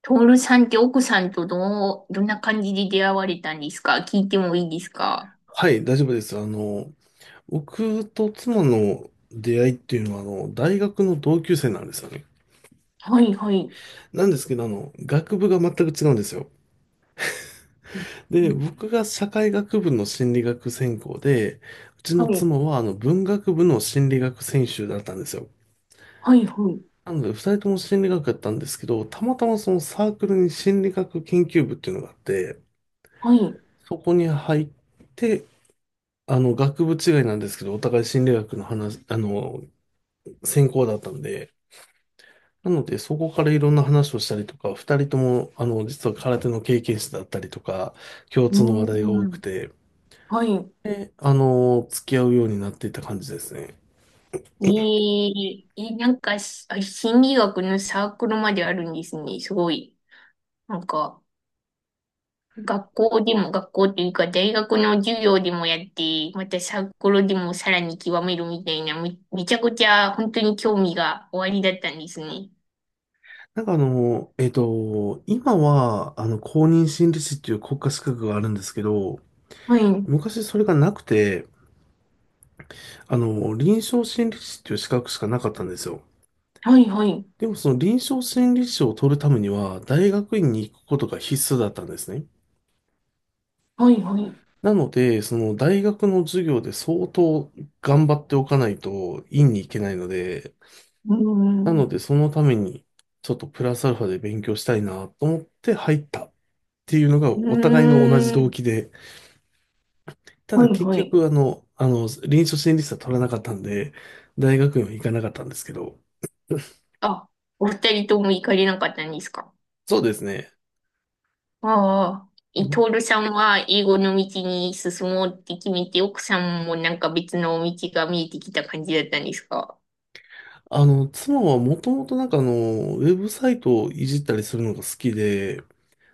トールさんって奥さんとどう、どんな感じで出会われたんですか？聞いてもいいですか？はい、大丈夫です。僕と妻の出会いっていうのは、大学の同級生なんですよね。はい、はい。なんですけど、学部が全く違うんですよ。うで、ん。僕が社会学部の心理学専攻で、うちのはい、妻は、文学部の心理学専修だったんですよ。はい、はい。なので、二人とも心理学だったんですけど、たまたまそのサークルに心理学研究部っていうのがあって、はい、そこに入って、学部違いなんですけど、お互い心理学の話、専攻だったんで、なので、そこからいろんな話をしたりとか、二人とも、実は空手の経験者だったりとか、共う通の話題が多ーくん。て、はい。で、付き合うようになっていった感じですね。えー、えなんかし、あ、心理学のサークルまであるんですね。すごい。なんか、学校というか、大学の授業でもやって、またサークルでもさらに極めるみたいな、めちゃくちゃ本当に興味がおありだったんですね。なんか今は、公認心理師っていう国家資格があるんですけど、はい、昔それがなくて、臨床心理師っていう資格しかなかったんですよ。はい、はい。でもその臨床心理師を取るためには、大学院に行くことが必須だったんですね。はい、はい。なので、その大学の授業で相当頑張っておかないと院に行けないので、うーなのん。でそのためにちょっとプラスアルファで勉強したいなと思って入ったっていうのがうお互いの同じー動ん。機で、たはだい、結はい。局臨床心理士は取らなかったんで、大学院は行かなかったんですけど、あ、お二人とも行かれなかったんですか？そうですね。ああ。え、トールさんは英語の道に進もうって決めて、奥さんもなんか別の道が見えてきた感じだったんですか？妻はもともとなんかウェブサイトをいじったりするのが好きで、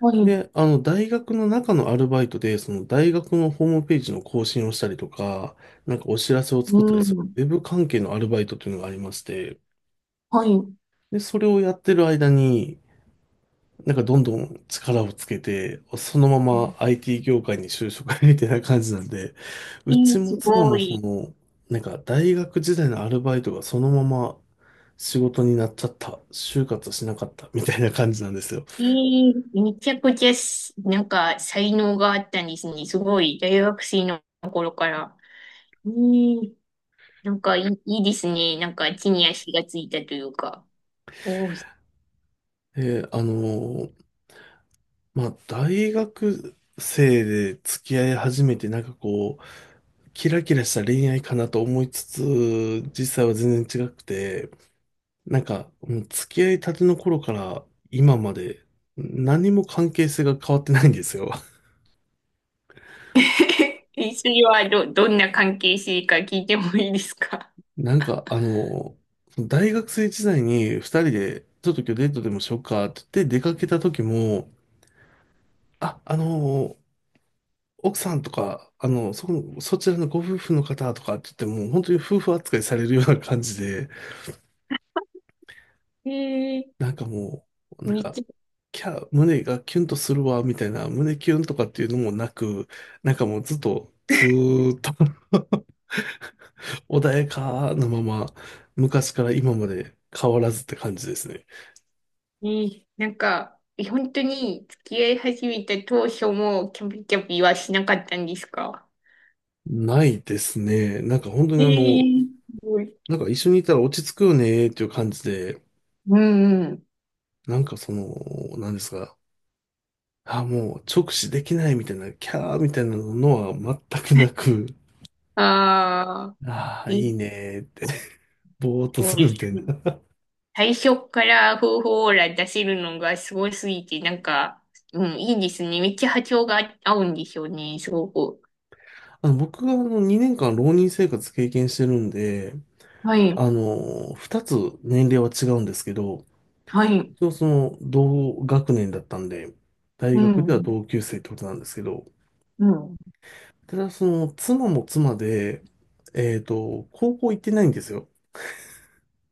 はい。うで、大学の中のアルバイトで、その大学のホームページの更新をしたりとか、なんかお知らせを作ったりする、ん。ウェブ関係のアルバイトというのがありまして、はい。で、それをやってる間に、なんかどんどん力をつけて、そのまま IT 業界に就職みたいな感じなんで、えうちー、もす妻ごもそい。の、なんか大学時代のアルバイトがそのまま仕事になっちゃった、就活しなかったみたいな感じなんですよ。えー、めちゃくちゃし、なんか才能があったんですね。すごい。大学生の頃から。ええ、なんかいいですね。なんか地に足がついたというか。おお。そで、まあ、大学生で付き合い始めて、なんかこう、キラキラした恋愛かなと思いつつ、実際は全然違くて、なんか、もう付き合いたての頃から今まで、何も関係性が変わってないんですよ。れはど、どんな関係性か聞いてもいいですか？ なんか、大学生時代に二人で、ちょっと今日デートでもしようかって言って出かけた時も、あ、あの、奥さんとか、そこの、そちらのご夫婦の方とかって言っても、本当に夫婦扱いされるような感じで、ええなんかもう、ー、なんめっか、ちゃ、キャー、胸がキュンとするわ、みたいな、胸キュンとかっていうのもなく、なんかもうずっと、ずーっと 穏やかなまま、昔から今まで変わらずって感じですね。えー、なんか、え、本当に付き合い始めた当初もキャピキャピはしなかったんですか？ないですね。なんか本当にええー、すごい。なんか一緒にいたら落ち着くよねっていう感じで、うん、うん。なんかその、なんですか、あ、もう直視できないみたいな、キャーみたいなのは全くなく、ああ、ああ、え、いいねーって、ぼーっとそうすでるす。みたいな。最初から方法オーラ出せるのがすごすぎて、なんか、うん、いいですね。めっちゃ波長が合うんでしょうね、すごく。僕があの2年間浪人生活経験してるんで、はい、2つ年齢は違うんですけど、はい、一応その同学年だったんで、大う学ではん、同級生ってことなんですけど、うん。ただその妻も妻で、えっと、高校行ってないんですよ。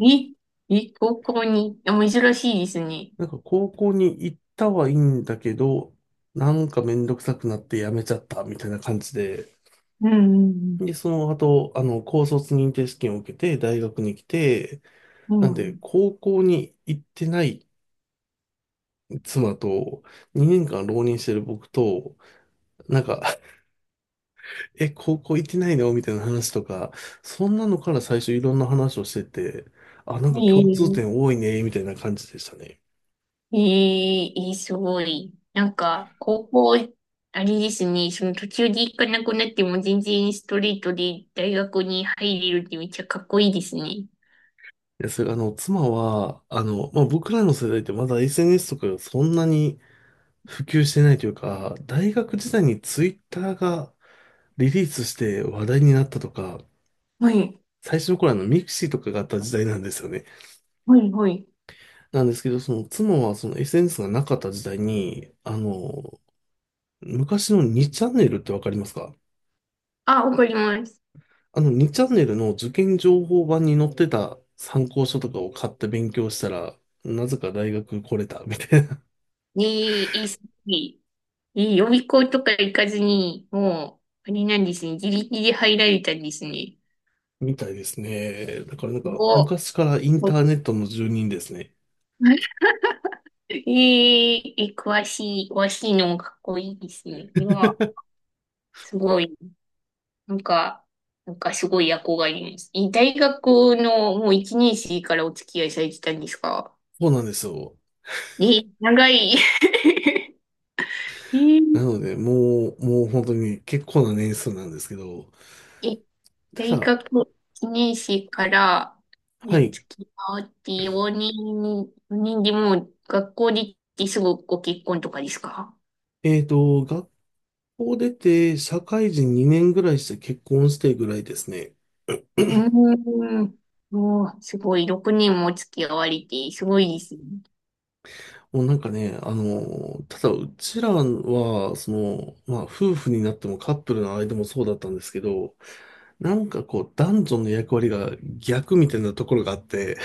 え、え、高校に、あ、珍しいですね。なんか高校に行ったはいいんだけど、なんかめんどくさくなって辞めちゃったみたいな感じで、うん、で、その後、高卒認定試験を受けて大学に来て、うなん、んうで、ん。高校に行ってない妻と、2年間浪人してる僕と、なんか、え、高校行ってないのみたいな話とか、そんなのから最初いろんな話をしてて、あ、なんえか共通点え、多いね、みたいな感じでしたね。ええ、え、すごい。なんか、あれですね、その途中で行かなくなっても全然ストレートで大学に入れるってめっちゃかっこいいですね。いや、それ、妻は、まあ、僕らの世代ってまだ SNS とかがそんなに普及してないというか、大学時代にツイッターがリリースして話題になったとか、はい、最初の頃ミクシーとかがあった時代なんですよね。はい、はい。なんですけど、その妻はその SNS がなかった時代に、昔の2チャンネルってわかりますか？あ、わかります。あの2チャンネルの受験情報版に載ってた参考書とかを買って勉強したら、なぜか大学来れたみたいな、で、え、すごい。え、予備校とか行かずに、あれなんですね。自力で入られたんですね。みたいですね。だからなんかお、昔からインタお。 ーネットの住人ですね。えー、え、詳しいのもかっこいいですね。いや、すごい、なんか、なんかすごい憧れます。え、大学のもう一年生からお付き合いされてたんですか？そうなんですよ。え、長い。えなー、ので、もう本当に結構な年数なんですけど、え、大ただ、学1年生からはにい。付き合って4人、4人でもう学校で行ってすぐご結婚とかですか？えっと、がこう出て、社会人2年ぐらいして結婚してぐらいですね。うーん。もう、すごい、6年も付き合われて、すごいですね。もうなんかね、ただうちらは、その、まあ夫婦になってもカップルの間もそうだったんですけど、なんかこう男女の役割が逆みたいなところがあって、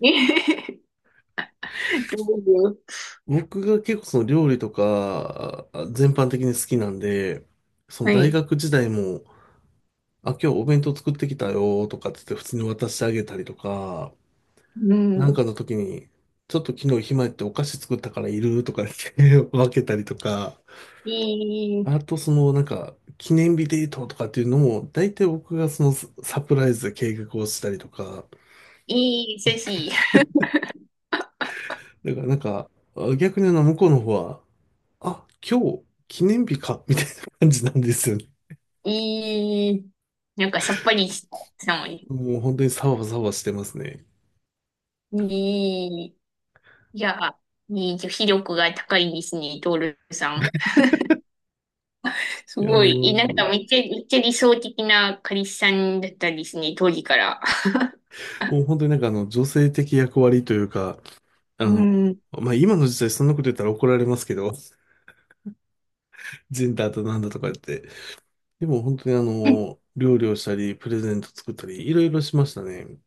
えへへ。どうぞ。僕が結構その料理とかあ全般的に好きなんで、そのは大い。学時代も、あ、今日お弁当作ってきたよとかって言って普通に渡してあげたりとか、うなんかん。の時に、ちょっと昨日暇やってお菓子作ったからいるとか言って 分けたりとか、いい、あとそのなんか記念日デートとかっていうのも、大体僕がそのササプライズで計画をしたりとか、いい、寿司。だからなんかあ逆に向こうの方は、あ、今日記念日かみたいな感じなんですよね。いい、なんかさっぱりした。いもう本当にサワサワしてますね。い、いや、いい、女子力が高いですね、トールさん。すいやごもい、う、なんかめっちゃ、めっちゃ理想的な彼氏さんだったんですね、当時から。もう本当になんかあの女性的役割というか、あうの、ん。まあ今の時代そんなこと言ったら怒られますけど、ジェンダーとなんだとか言って、でも本当に料理をしたり、プレゼント作ったり、いろいろしましたね。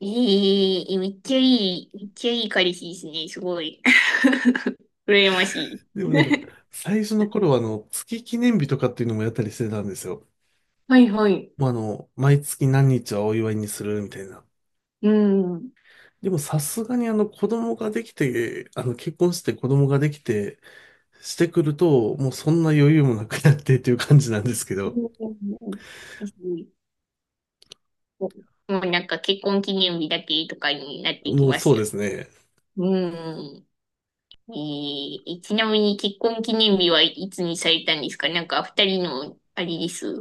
ええ、めっちゃいい、めっちゃいい彼氏ですね、すごい。羨ましい。でもなんか、最初の頃は月記念日とかっていうのもやったりしてたんですよ。はい、はい。もうあの、毎月何日はお祝いにするみたいな。うん。でもさすがに子供ができて、結婚して子供ができて、してくると、もうそんな余裕もなくなってっていう感じなんですけうど、んですね。もうなんか結婚記念日だけとかになっていきもうまそすうよ。ですね。うん。えー、ちなみに結婚記念日はいつにされたんですか？なんか二人の、あれです。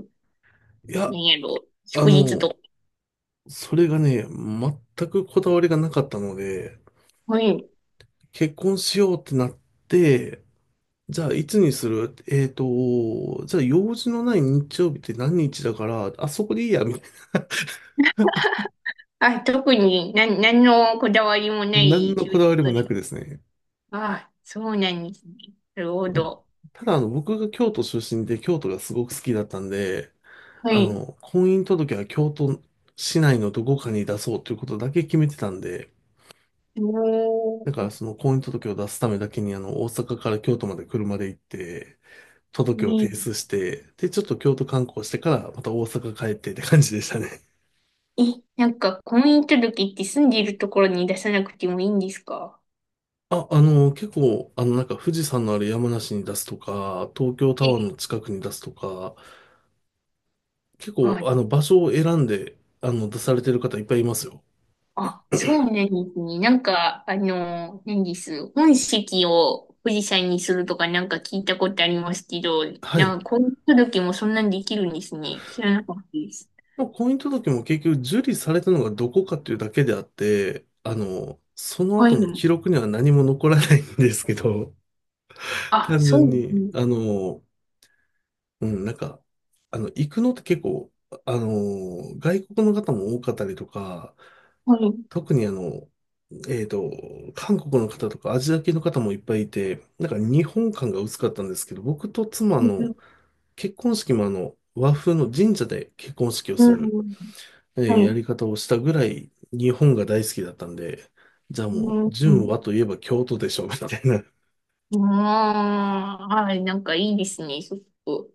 いなや、んやろ、あ祝日との、か。それがね、全くこだわりがなかったので、はい。結婚しようってなって、じゃあ、いつにする？えっと、じゃあ、用事のない日曜日って何日だから、あそこでいいや、みたいあ、特に何、何のこだわりもなな。何いの給こだわりも食なくに。ですね。あ、そうなんですね。なるほあど。ただ、僕が京都出身で、京都がすごく好きだったんで、はい。婚姻届は京都市内のどこかに出そうということだけ決めてたんで、おだかー、ら、その婚姻届を出すためだけに、大阪から京都まで車で行って、届を提ね、出して、で、ちょっと京都観光してから、また大阪帰ってって感じでしたね。え、なんか婚姻届って住んでいるところに出さなくてもいいんですか？結構、なんか富士山のある山梨に出すとか、東京タワーえ、の近くに出すとか、結構、あ、場所を選んで、出されてる方いっぱいいますよ。あ、そうなんですね。なんか、あの、何です。本籍を富士山にするとかなんか聞いたことありますけど、はない。んか婚姻届もそんなんできるんですね。知らなかったです。まあ、婚姻届も結局受理されたのがどこかっていうだけであって、そのはい。後の記録には何も残らないんですけど、あ、単そう純なに、んです。うん、なんか、行くのって結構、外国の方も多かったりとか、はい。特にえっと、韓国の方とかアジア系の方もいっぱいいて、なんか日本感が薄かったんですけど、僕と妻の結婚式も和風の神社で結婚式をすうる、ん。はやい。り方をしたぐらい日本が大好きだったんで、じゃあもうう、ん。純う和といえば京都でしょ、みたいなん。ああ、はい。なんかいいですね。ちょっと。